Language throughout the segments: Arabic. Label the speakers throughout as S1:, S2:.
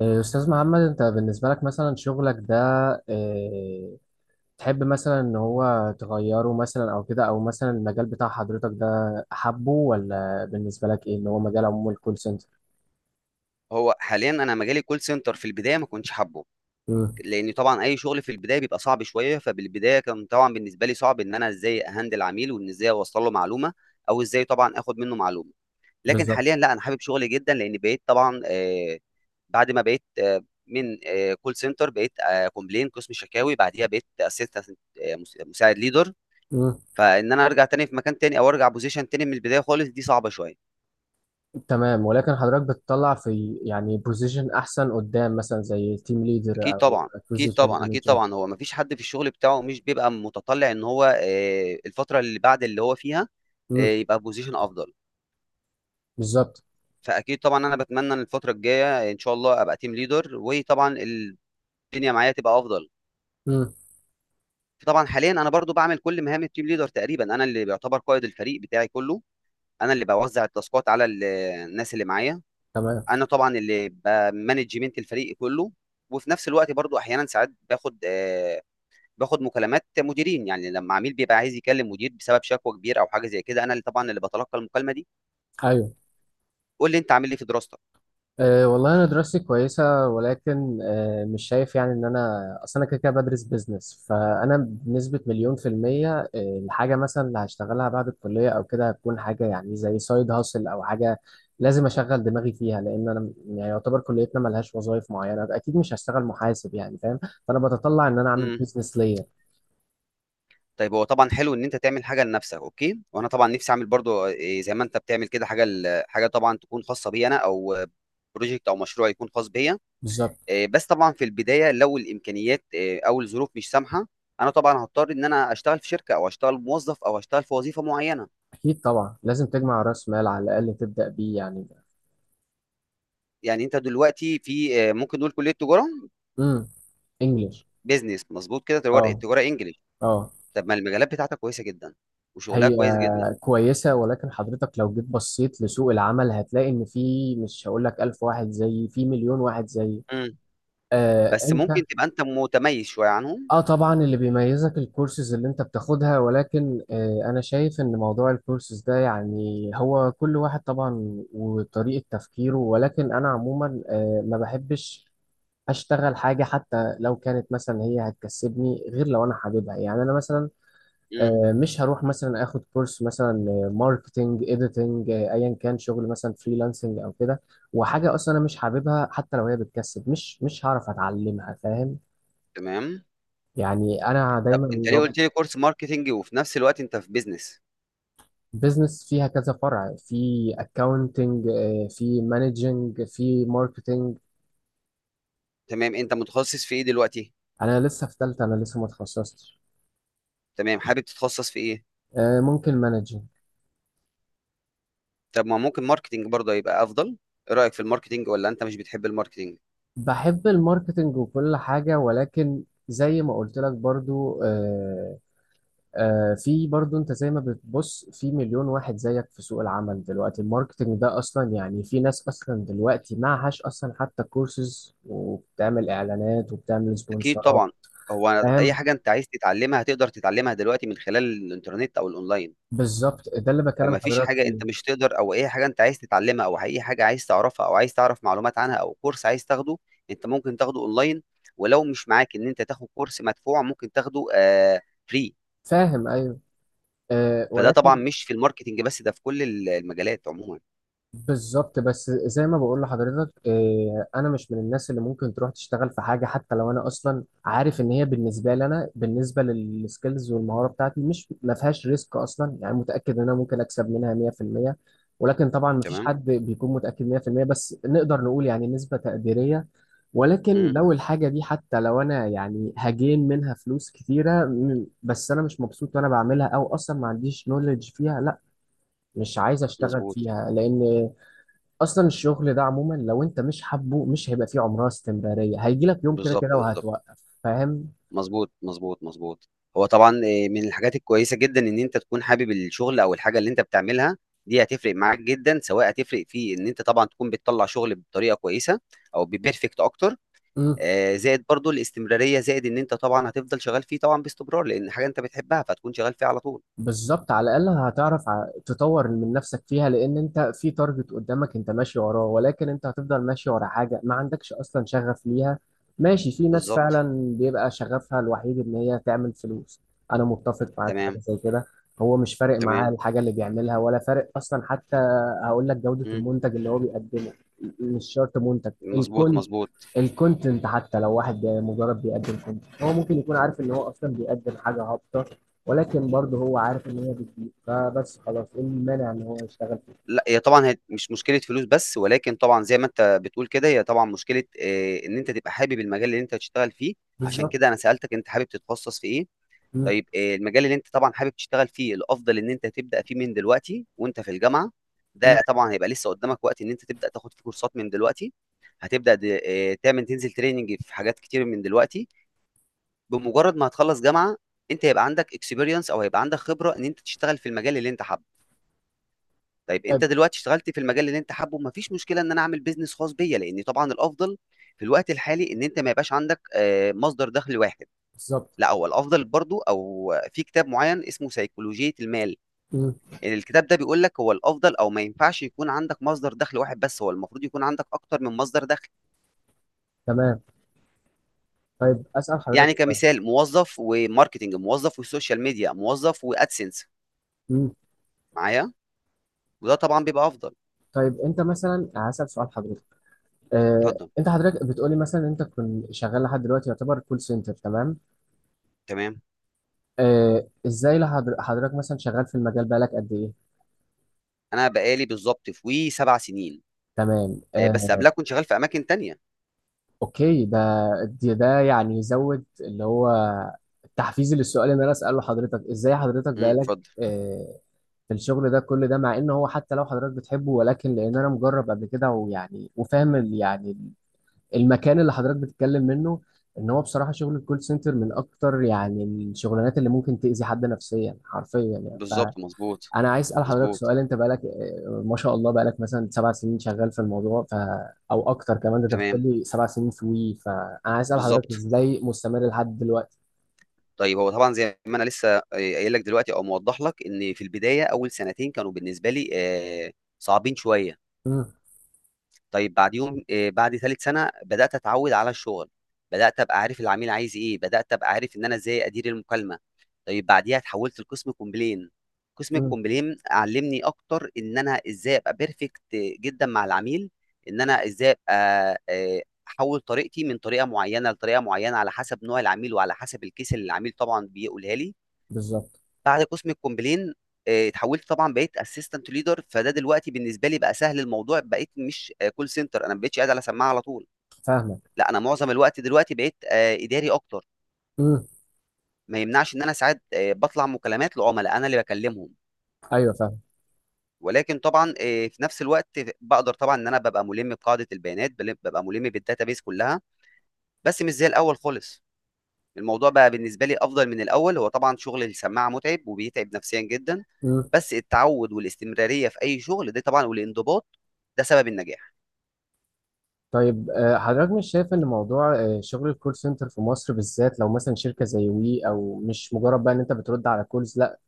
S1: إيه، أستاذ محمد، أنت بالنسبة لك مثلا شغلك ده إيه، تحب مثلا إن هو تغيره مثلا أو كده أو مثلا المجال بتاع حضرتك ده أحبه ولا بالنسبة لك إيه إن هو مجال عموم الكول سنتر؟
S2: هو حاليا انا مجالي كول سنتر. في البدايه ما كنتش حابه،
S1: مم.
S2: لان طبعا اي شغل في البدايه بيبقى صعب شويه، فبالبدايه كان طبعا بالنسبه لي صعب ان انا ازاي اهندل عميل، وان ازاي اوصل له معلومه، او ازاي طبعا اخد منه معلومه. لكن
S1: بالظبط.
S2: حاليا لا، انا حابب شغلي جدا، لان بقيت طبعا بعد ما بقيت من كول سنتر بقيت كومبلين، قسم شكاوي، بعديها بقيت اسيستنت مساعد ليدر.
S1: مم.
S2: فان انا ارجع تاني في مكان تاني، او ارجع بوزيشن تاني من البدايه خالص، دي صعبه شويه.
S1: تمام، ولكن حضرتك بتطلع في يعني بوزيشن أحسن قدام مثلا زي تيم ليدر
S2: اكيد
S1: أو
S2: طبعا، اكيد
S1: أكوزيشن
S2: طبعا، اكيد
S1: مانجر؟
S2: طبعا، هو مفيش حد في الشغل بتاعه مش بيبقى متطلع ان هو الفتره اللي بعد اللي هو فيها
S1: مم.
S2: يبقى بوزيشن افضل.
S1: بالظبط.
S2: فاكيد طبعا انا بتمنى ان الفتره الجايه ان شاء الله ابقى تيم ليدر، وطبعا الدنيا معايا تبقى افضل.
S1: مم.
S2: طبعا حاليا انا برضو بعمل كل مهام التيم ليدر تقريبا. انا اللي بيعتبر قائد الفريق بتاعي كله، انا اللي بوزع التاسكات على الناس اللي معايا،
S1: تمام.
S2: انا طبعا اللي بمانجمنت الفريق كله. وفي نفس الوقت برضو، احيانا ساعات باخد، باخد مكالمات مديرين، يعني لمّا عميل بيبقى عايز يكلم مدير بسبب شكوى كبيرة أو حاجة زي كده، أنا اللي طبعًا اللي باتلقى المكالمة دي.
S1: أيوه.
S2: قُل لي أنت عامل إيه في دراستك؟
S1: أه، والله أنا دراستي كويسة، ولكن مش شايف يعني إن أنا أصل أنا كده كده بدرس بيزنس، فأنا بنسبة 1000000%. الحاجة مثلا اللي هشتغلها بعد الكلية أو كده هتكون حاجة يعني زي سايد هاسل، أو حاجة لازم أشغل دماغي فيها، لأن أنا يعني يعتبر كليتنا ملهاش وظائف معينة، أكيد مش هشتغل محاسب، يعني فاهم. فأنا بتطلع إن أنا أعمل
S2: إمم،
S1: بيزنس ليا.
S2: طيب هو طبعًا حلو إن أنت تعمل حاجة لنفسك، أوكي، وأنا طبعًا نفسي أعمل برضه زي ما أنت بتعمل كده، حاجة ل حاجة طبعًا تكون خاصة بيّا أنا، أو project أو مشروع يكون خاص بيّا.
S1: بالظبط.
S2: بس طبعًا في البداية، لو الإمكانيات أو الظروف مش سامحة، أنا طبعًا هاضطر إن أنا أشتغل في شركة، أو أشتغل موظف، أو أشتغل في وظيفة معيّنة.
S1: أكيد طبعا، لازم تجمع رأس مال على الأقل تبدأ بيه يعني.
S2: يعني أنت دلوقتي في ممكن نقول كلية تجارة؟
S1: امم. إنجلش.
S2: بيزنس، مظبوط كده، تجاره
S1: أه.
S2: تجاره انجليش.
S1: أه.
S2: طب ما المجالات بتاعتك كويسه جدا، وشغلها
S1: هي
S2: كويس جدا.
S1: كويسة، ولكن حضرتك لو جيت بصيت لسوق العمل هتلاقي إن في، مش هقول لك 1000 واحد زيي، في 1000000 واحد زيي.
S2: امم
S1: آه،
S2: بس
S1: أنت.
S2: ممكن تبقى انت متميز شويه عنهم.
S1: آه، طبعا اللي بيميزك الكورسز اللي أنت بتاخدها، ولكن أنا شايف إن موضوع الكورسز ده يعني هو كل واحد طبعا وطريقة تفكيره، ولكن أنا عموما ما بحبش أشتغل حاجة، حتى لو كانت مثلا هي هتكسبني، غير لو أنا حاببها. يعني أنا مثلا
S2: امم
S1: مش هروح مثلا اخد كورس مثلا ماركتنج، اديتنج، ايا كان شغل مثلا فريلانسنج او كده، وحاجه اصلا انا مش حاببها. حتى لو هي بتكسب، مش هعرف اتعلمها، فاهم.
S2: تمام.
S1: يعني انا
S2: طب
S1: دايما
S2: انت ليه
S1: رابط.
S2: قلت لي كورس ماركتينج وفي نفس الوقت انت في بيزنس؟
S1: بزنس فيها كذا فرع، في اكاونتنج، في مانجنج، في ماركتنج.
S2: تمام، انت متخصص في ايه دلوقتي؟
S1: انا لسه في ثالثه، انا لسه ما اتخصصتش.
S2: تمام، حابب تتخصص في ايه؟
S1: آه، ممكن مانجنج.
S2: طب ما ممكن ماركتينج برضه يبقى افضل. ايه رايك في الماركتينج؟ ولا انت مش بتحب الماركتينج؟
S1: بحب الماركتنج وكل حاجه، ولكن زي ما قلت لك برضو، في برضو انت زي ما بتبص في 1000000 واحد زيك في سوق العمل دلوقتي. الماركتنج ده اصلا يعني في ناس اصلا دلوقتي معهاش اصلا حتى كورسز، وبتعمل اعلانات وبتعمل
S2: اكيد
S1: سبونسرات.
S2: طبعا، هو اي
S1: فاهم.
S2: حاجه انت عايز تتعلمها هتقدر تتعلمها دلوقتي من خلال الانترنت او الاونلاين.
S1: بالظبط، ده اللي بكلم
S2: فما فيش
S1: حضرتك
S2: حاجة
S1: فيه.
S2: أنت مش تقدر، أو أي حاجة أنت عايز تتعلمها، أو أي حاجة عايز تعرفها أو عايز تعرف معلومات عنها، أو كورس عايز تاخده، أنت ممكن تاخده أونلاين. ولو مش معاك إن أنت تاخد كورس مدفوع، ممكن تاخده free.
S1: فاهم، ايوه. أه،
S2: فده طبعًا
S1: ولكن.
S2: مش في الماركتينج بس، ده في كل المجالات عمومًا.
S1: بالظبط، بس زي ما بقول لحضرتك، انا مش من الناس اللي ممكن تروح تشتغل في حاجه، حتى لو انا اصلا عارف ان هي بالنسبه لي، انا بالنسبه للسكيلز والمهاره بتاعتي، مش ما فيهاش ريسك، اصلا يعني متاكد ان انا ممكن اكسب منها 100%. ولكن طبعا ما فيش
S2: تمام؟
S1: حد بيكون متاكد 100%، بس نقدر نقول يعني نسبه تقديريه. ولكن
S2: إمم.
S1: لو الحاجه دي، حتى لو انا يعني هجين منها فلوس كتيره بس انا مش مبسوط وانا بعملها، او اصلا ما عنديش نولج فيها، لا، مش عايز اشتغل
S2: مضبوط.
S1: فيها. لان اصلا الشغل ده عموما لو انت مش حابه مش هيبقى فيه عمرها استمراريه، هيجي لك يوم كده
S2: بالضبط،
S1: كده
S2: بالضبط.
S1: وهتوقف، فاهم.
S2: مضبوط، مضبوط، مضبوط. هو طبعًا من الحاجات الكويسة جدًا إن أنت تكون حابب الشغل أو الحاجة اللي أنت بتعملها. دي هتفرق معاك جدًا، سواء هتفرق في إن أنت طبعًا تكون بتطلّع شغل بطريقة كويسة أو بperfect أكتر.
S1: مم.
S2: زائد برضه الاستمرارية، زائد إن أنت طبعًا هتفضل شغال فيه طبعًا باستمرار، لإن حاجة أنت بتحبها، فهتكون شغال فيها على طول.
S1: بالظبط، على الاقل هتعرف تطور من نفسك فيها، لان انت في تارجت قدامك انت ماشي وراه، ولكن انت هتفضل ماشي ورا حاجه ما عندكش اصلا شغف ليها. ماشي، في ناس
S2: بالضبط.
S1: فعلا بيبقى شغفها الوحيد ان هي تعمل فلوس. انا متفق معاك في حاجه
S2: تمام،
S1: زي كده. هو مش فارق معاه
S2: تمام.
S1: الحاجه اللي بيعملها، ولا فارق اصلا حتى، هقول لك جوده
S2: إمم.
S1: المنتج اللي هو بيقدمه. مش شرط منتج
S2: مضبوط، مضبوط.
S1: الكونتنت، حتى لو واحد مجرد بيقدم كونتنت، هو ممكن يكون عارف ان هو اصلا بيقدم حاجه هابطه، ولكن برضه هو عارف ان هي بتجيب، فبس خلاص ايه المانع ان هو يشتغل فيه.
S2: لأ، هي طبعًا هي مش مشكلة فلوس بس، ولكن طبعًا زي ما أنت بتقول كده، هي طبعًا مشكلة إن أنت تبقى حابب المجال اللي أنت هتشتغل فيه. عشان
S1: بالظبط.
S2: كده أنا سألتك أنت حابب تتخصص في إيه.
S1: مم.
S2: طيب المجال اللي أنت طبعًا حابب تشتغل فيه، الأفضل إن أنت تبدأ فيه من دلوقتي وأنت في الجامعة.
S1: مم.
S2: ده طبعًا هيبقى لسه قدامك وقت إن أنت تبدأ تاخد فيه كورسات من دلوقتي، هتبدأ د تعمل، تنزل training في حاجات كتير من دلوقتي. بمجرد ما هتخلّص جامعة، أنت هيبقى عندك experience أو هيبقى عندك خبرة إن أنت تشتغل في المجال اللي أنت حابه. طيب
S1: طيب.
S2: انت دلوقتي اشتغلت في المجال اللي انت حابه، مفيش مشكله ان انا اعمل بيزنس خاص بيا، لان طبعا الافضل في الوقت الحالي ان انت ما يبقاش عندك مصدر دخل واحد.
S1: بالظبط.
S2: لا، هو الافضل برضو، او في كتاب معين اسمه سيكولوجيه المال،
S1: مم.
S2: يعني الكتاب ده بيقول لك هو الافضل، او ما ينفعش يكون عندك مصدر دخل واحد بس، هو المفروض يكون عندك اكتر من مصدر دخل.
S1: تمام. طيب اسال حضرتك
S2: يعني
S1: سؤال.
S2: كمثال، موظف وماركتنج، موظف وسوشيال ميديا، موظف وادسنس
S1: مم.
S2: معايا. وده طبعا بيبقى افضل.
S1: طيب انت مثلا هسال سؤال حضرتك،
S2: اتفضل.
S1: انت حضرتك بتقولي مثلا انت كنت شغال لحد دلوقتي يعتبر كول سنتر، تمام.
S2: تمام،
S1: ازاي حضرتك مثلا شغال في المجال بقالك قد ايه؟
S2: انا بقالي بالظبط في وي 7 سنين.
S1: تمام.
S2: بس قبلها كنت شغال في اماكن تانية.
S1: اوكي، ده يعني يزود اللي هو التحفيز للسؤال اللي انا اساله حضرتك، ازاي حضرتك
S2: امم،
S1: بقالك
S2: اتفضل.
S1: آه، في الشغل ده كل ده، مع ان هو حتى لو حضرتك بتحبه، ولكن لان انا مجرب قبل كده، ويعني وفاهم يعني المكان اللي حضرتك بتتكلم منه، ان هو بصراحة شغل الكول سنتر من اكتر يعني الشغلانات اللي ممكن تأذي حد نفسيا حرفيا. يعني
S2: بالظبط، مظبوط،
S1: انا عايز اسال حضرتك
S2: مظبوط.
S1: سؤال، انت بقالك ما شاء الله بقالك مثلا 7 سنين شغال في الموضوع، ف او اكتر كمان، ده انت بتقول
S2: تمام.
S1: لي 7 سنين في وي، فانا عايز اسال حضرتك
S2: بالظبط.
S1: ازاي مستمر لحد دلوقتي؟
S2: طيب هو طبعا زي ما انا لسه قايل لك دلوقتي او موضح لك، ان في البدايه اول سنتين كانوا بالنسبه لي آه، صعبين شويه.
S1: امم.
S2: طيب بعد يوم، بعد ثالث سنه بدات اتعود على الشغل، بدات ابقى عارف العميل عايز ايه، بدات ابقى عارف ان انا ازاي ادير المكالمه. طيب بعديها اتحولت لقسم كومبلين. قسم
S1: امم.
S2: الكومبلين علمني اكتر ان انا ازاي ابقى بيرفكت جدا مع العميل، ان انا ازاي ابقى آه، احول طريقتي من طريقه معينه لطريقه معينه على حسب نوع العميل، وعلى حسب الكيس اللي العميل طبعا بيقولها لي.
S1: بالظبط.
S2: بعد قسم الكومبلين اتحولت طبعا، بقيت اسيستنت ليدر. فده دلوقتي بالنسبه لي بقى سهل الموضوع، بقيت مش كول سنتر، انا ما بقتش قاعد على سماعه على طول.
S1: فاهمك.
S2: لا، انا معظم الوقت دلوقتي بقيت اداري اكتر.
S1: امم.
S2: ما يمنعش ان انا ساعات بطلع مكالمات لعملاء انا اللي بكلمهم.
S1: ايوه فاهم.
S2: ولكن طبعا في نفس الوقت بقدر طبعا ان انا ببقى ملم بقاعده البيانات، ببقى ملم بالداتابيس كلها، بس مش زي الاول خالص. الموضوع بقى بالنسبة لي أفضل من الأول. هو طبعًا شغل السماعة متعب، وبيتعب نفسيًا جدًا.
S1: امم.
S2: بس التعوّد والاستمرارية في أي شغل، ده طبعًا، والانضباط ده سبب النجاح.
S1: طيب، حضرتك مش شايف ان موضوع شغل الكول سنتر في مصر بالذات، لو مثلا شركه زي وي، او مش مجرد بقى ان انت بترد على كولز لا،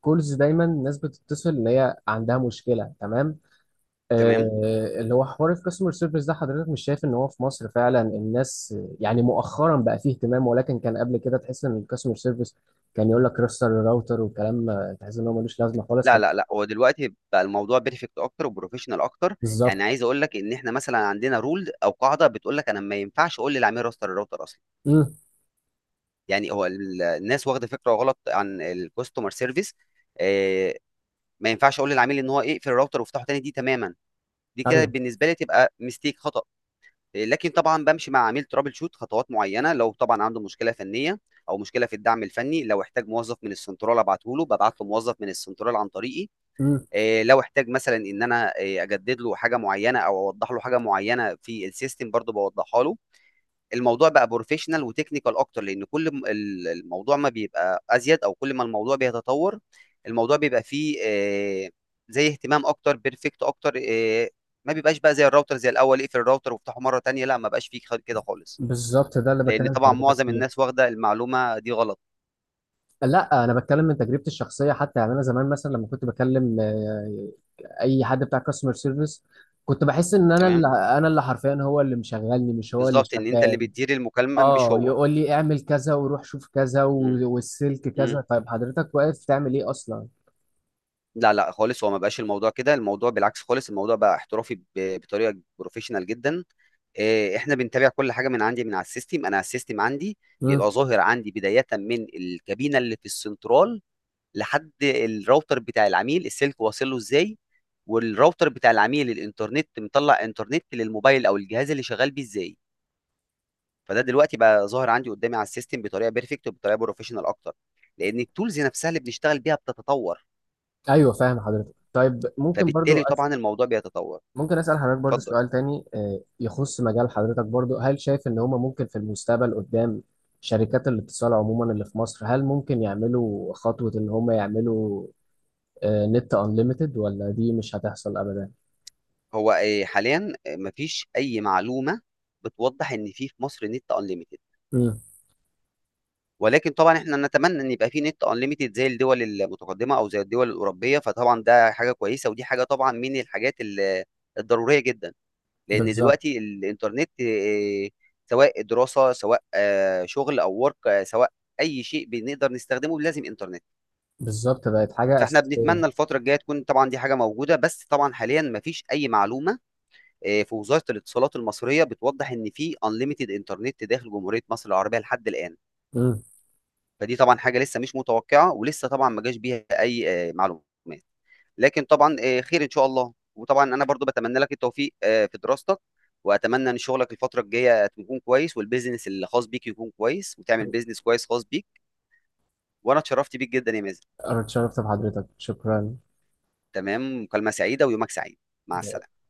S1: كولز دايما الناس بتتصل ان هي عندها مشكله، تمام.
S2: تمام؟
S1: آه، اللي هو حوار الكاستمر سيرفيس ده، حضرتك مش شايف ان هو في مصر فعلا الناس، يعني مؤخرا بقى فيه اهتمام، ولكن كان قبل كده تحس ان الكاستمر سيرفيس كان يقول لك رستر الراوتر وكلام، تحس ان هو ملوش لازمه خالص،
S2: لأ،
S1: حد.
S2: لأ، لأ، هو دلوقتي بقى الموضوع perfect أكتر وprofessional أكتر.
S1: بالظبط.
S2: يعني عايز أقول لك إن إحنا مثلًا عندنا rule أو قاعدة بتقول لك أنا ما ينفعش أقول للعميل راستر الراوتر أصلًا.
S1: امم.
S2: يعني هو الناس واخدة فكرة غلط عن الcustomer service. آآ، ما ينفعش أقول للعميل إن هو يقفل الراوتر وافتحه تاني، دي تمامًا، دي كده
S1: ايوه.
S2: بالنسبة لي تبقى mistake، خطأ. لكن طبعا بمشي مع عميل ترابل شوت خطوات معينه، لو طبعا عنده مشكله فنيه او مشكله في الدعم الفني. لو احتاج موظف من السنترال ابعته له، ببعت له موظف من السنترال عن طريقي.
S1: امم.
S2: لو احتاج مثلا ان انا اجدد له حاجه معينه، او اوضح له حاجه معينه في السيستم، برضو بوضحها له. الموضوع بقى بروفيشنال وتكنيكال اكتر، لان كل الموضوع ما بيبقى ازيد، او كل ما الموضوع بيتطور، الموضوع بيبقى فيه زي اهتمام اكتر، بيرفكت اكتر. ما بيبقاش بقى زي الراوتر زي الاول، اقفل الراوتر وافتحه مره تانية، لا، ما بقاش فيه كده خالص،
S1: بالظبط، ده اللي
S2: لان
S1: بكلم
S2: طبعا
S1: حضرتك
S2: معظم
S1: فيه.
S2: الناس واخده المعلومه دي غلط.
S1: لا، انا بتكلم من تجربتي الشخصيه، حتى يعني انا زمان مثلا لما كنت بكلم اي حد بتاع كاستمر سيرفيس كنت بحس ان انا اللي
S2: تمام،
S1: انا اللي حرفيا هو اللي مشغلني مش هو اللي
S2: بالظبط، ان انت اللي
S1: شغال.
S2: بتدير المكالمه مش
S1: اه،
S2: هو.
S1: يقول لي اعمل كذا، وروح شوف كذا،
S2: مم.
S1: والسلك كذا،
S2: مم.
S1: طيب حضرتك واقف تعمل ايه اصلا؟
S2: لا، لا خالص، هو ما بقاش الموضوع كده، الموضوع بالعكس خالص، الموضوع بقى احترافي بطريقه بروفيشنال جدا. احنا بنتابع كل حاجه من عندي من على السيستم، انا على السيستم عندي
S1: امم.
S2: بيبقى ظاهر عندي بدايه من الكابينه اللي في السنترال لحد الراوتر بتاع العميل، السلك واصل له ازاي، والراوتر بتاع العميل الانترنت مطلع انترنت للموبايل او الجهاز اللي شغال بيه ازاي. فده دلوقتي بقى ظاهر عندي قدامي على السيستم بطريقه بيرفكت، وبطريقه بروفيشنال اكتر، لان التولز نفسها اللي بنشتغل بيها بتتطور،
S1: ايوه فاهم حضرتك. طيب ممكن برضو
S2: فبالتالي طبعا الموضوع بيتطور.
S1: ممكن اسال حضرتك برضو
S2: اتفضل.
S1: سؤال تاني، يخص مجال حضرتك برضو، هل شايف ان هما ممكن في المستقبل قدام شركات الاتصال عموما اللي في مصر هل ممكن يعملوا خطوة ان هما يعملوا نت انليميتد، ولا دي مش هتحصل ابدا؟
S2: هو حاليا مفيش اي معلومه بتوضح ان في مصر نت انليميتد.
S1: امم.
S2: ولكن طبعًا إحنا نتمنى إن يبقى في نت unlimited زي الدول المتقدمة أو زي الدول الأوروبية. فطبعًا ده حاجة كويسة، ودي حاجة طبعًا من الحاجات الضرورية جدًا. لأن
S1: بالظبط.
S2: دلوقتي الإنترنت سواء دراسة، سواء شغل أو work، سواء أي شيء بنقدر نستخدمه لازم إنترنت.
S1: بالظبط، بقت حاجة
S2: فإحنا
S1: اساسية.
S2: بنتمنى الفترة الجاية تكون طبعًا دي حاجة موجودة، بس طبعًا حاليًا ما فيش أي معلومة في وزارة الاتصالات المصرية بتوضّح إن في unlimited إنترنت داخل جمهورية مصر العربية لحد الآن.
S1: امم.
S2: فدي طبعًا حاجة لسه مش متوقعة، ولسه طبعًا ما جاش بيها أي معلومات. لكن طبعًا خير إن شاء الله، وطبعًا أنا برضه باتمنى لك التوفيق في دراستك. وأتمنى إن شغلك الفترة الجاية يكون كويس، والbusiness الخاص بيك يكون كويس، وتعمل business كويس خاص بيك. وأنا اتشرفت بيك جدًا يا مازن.
S1: أردت شرفت بحضرتك، شكرا.
S2: تمام، مكالمة سعيدة ويومك سعيد. مع السلامة.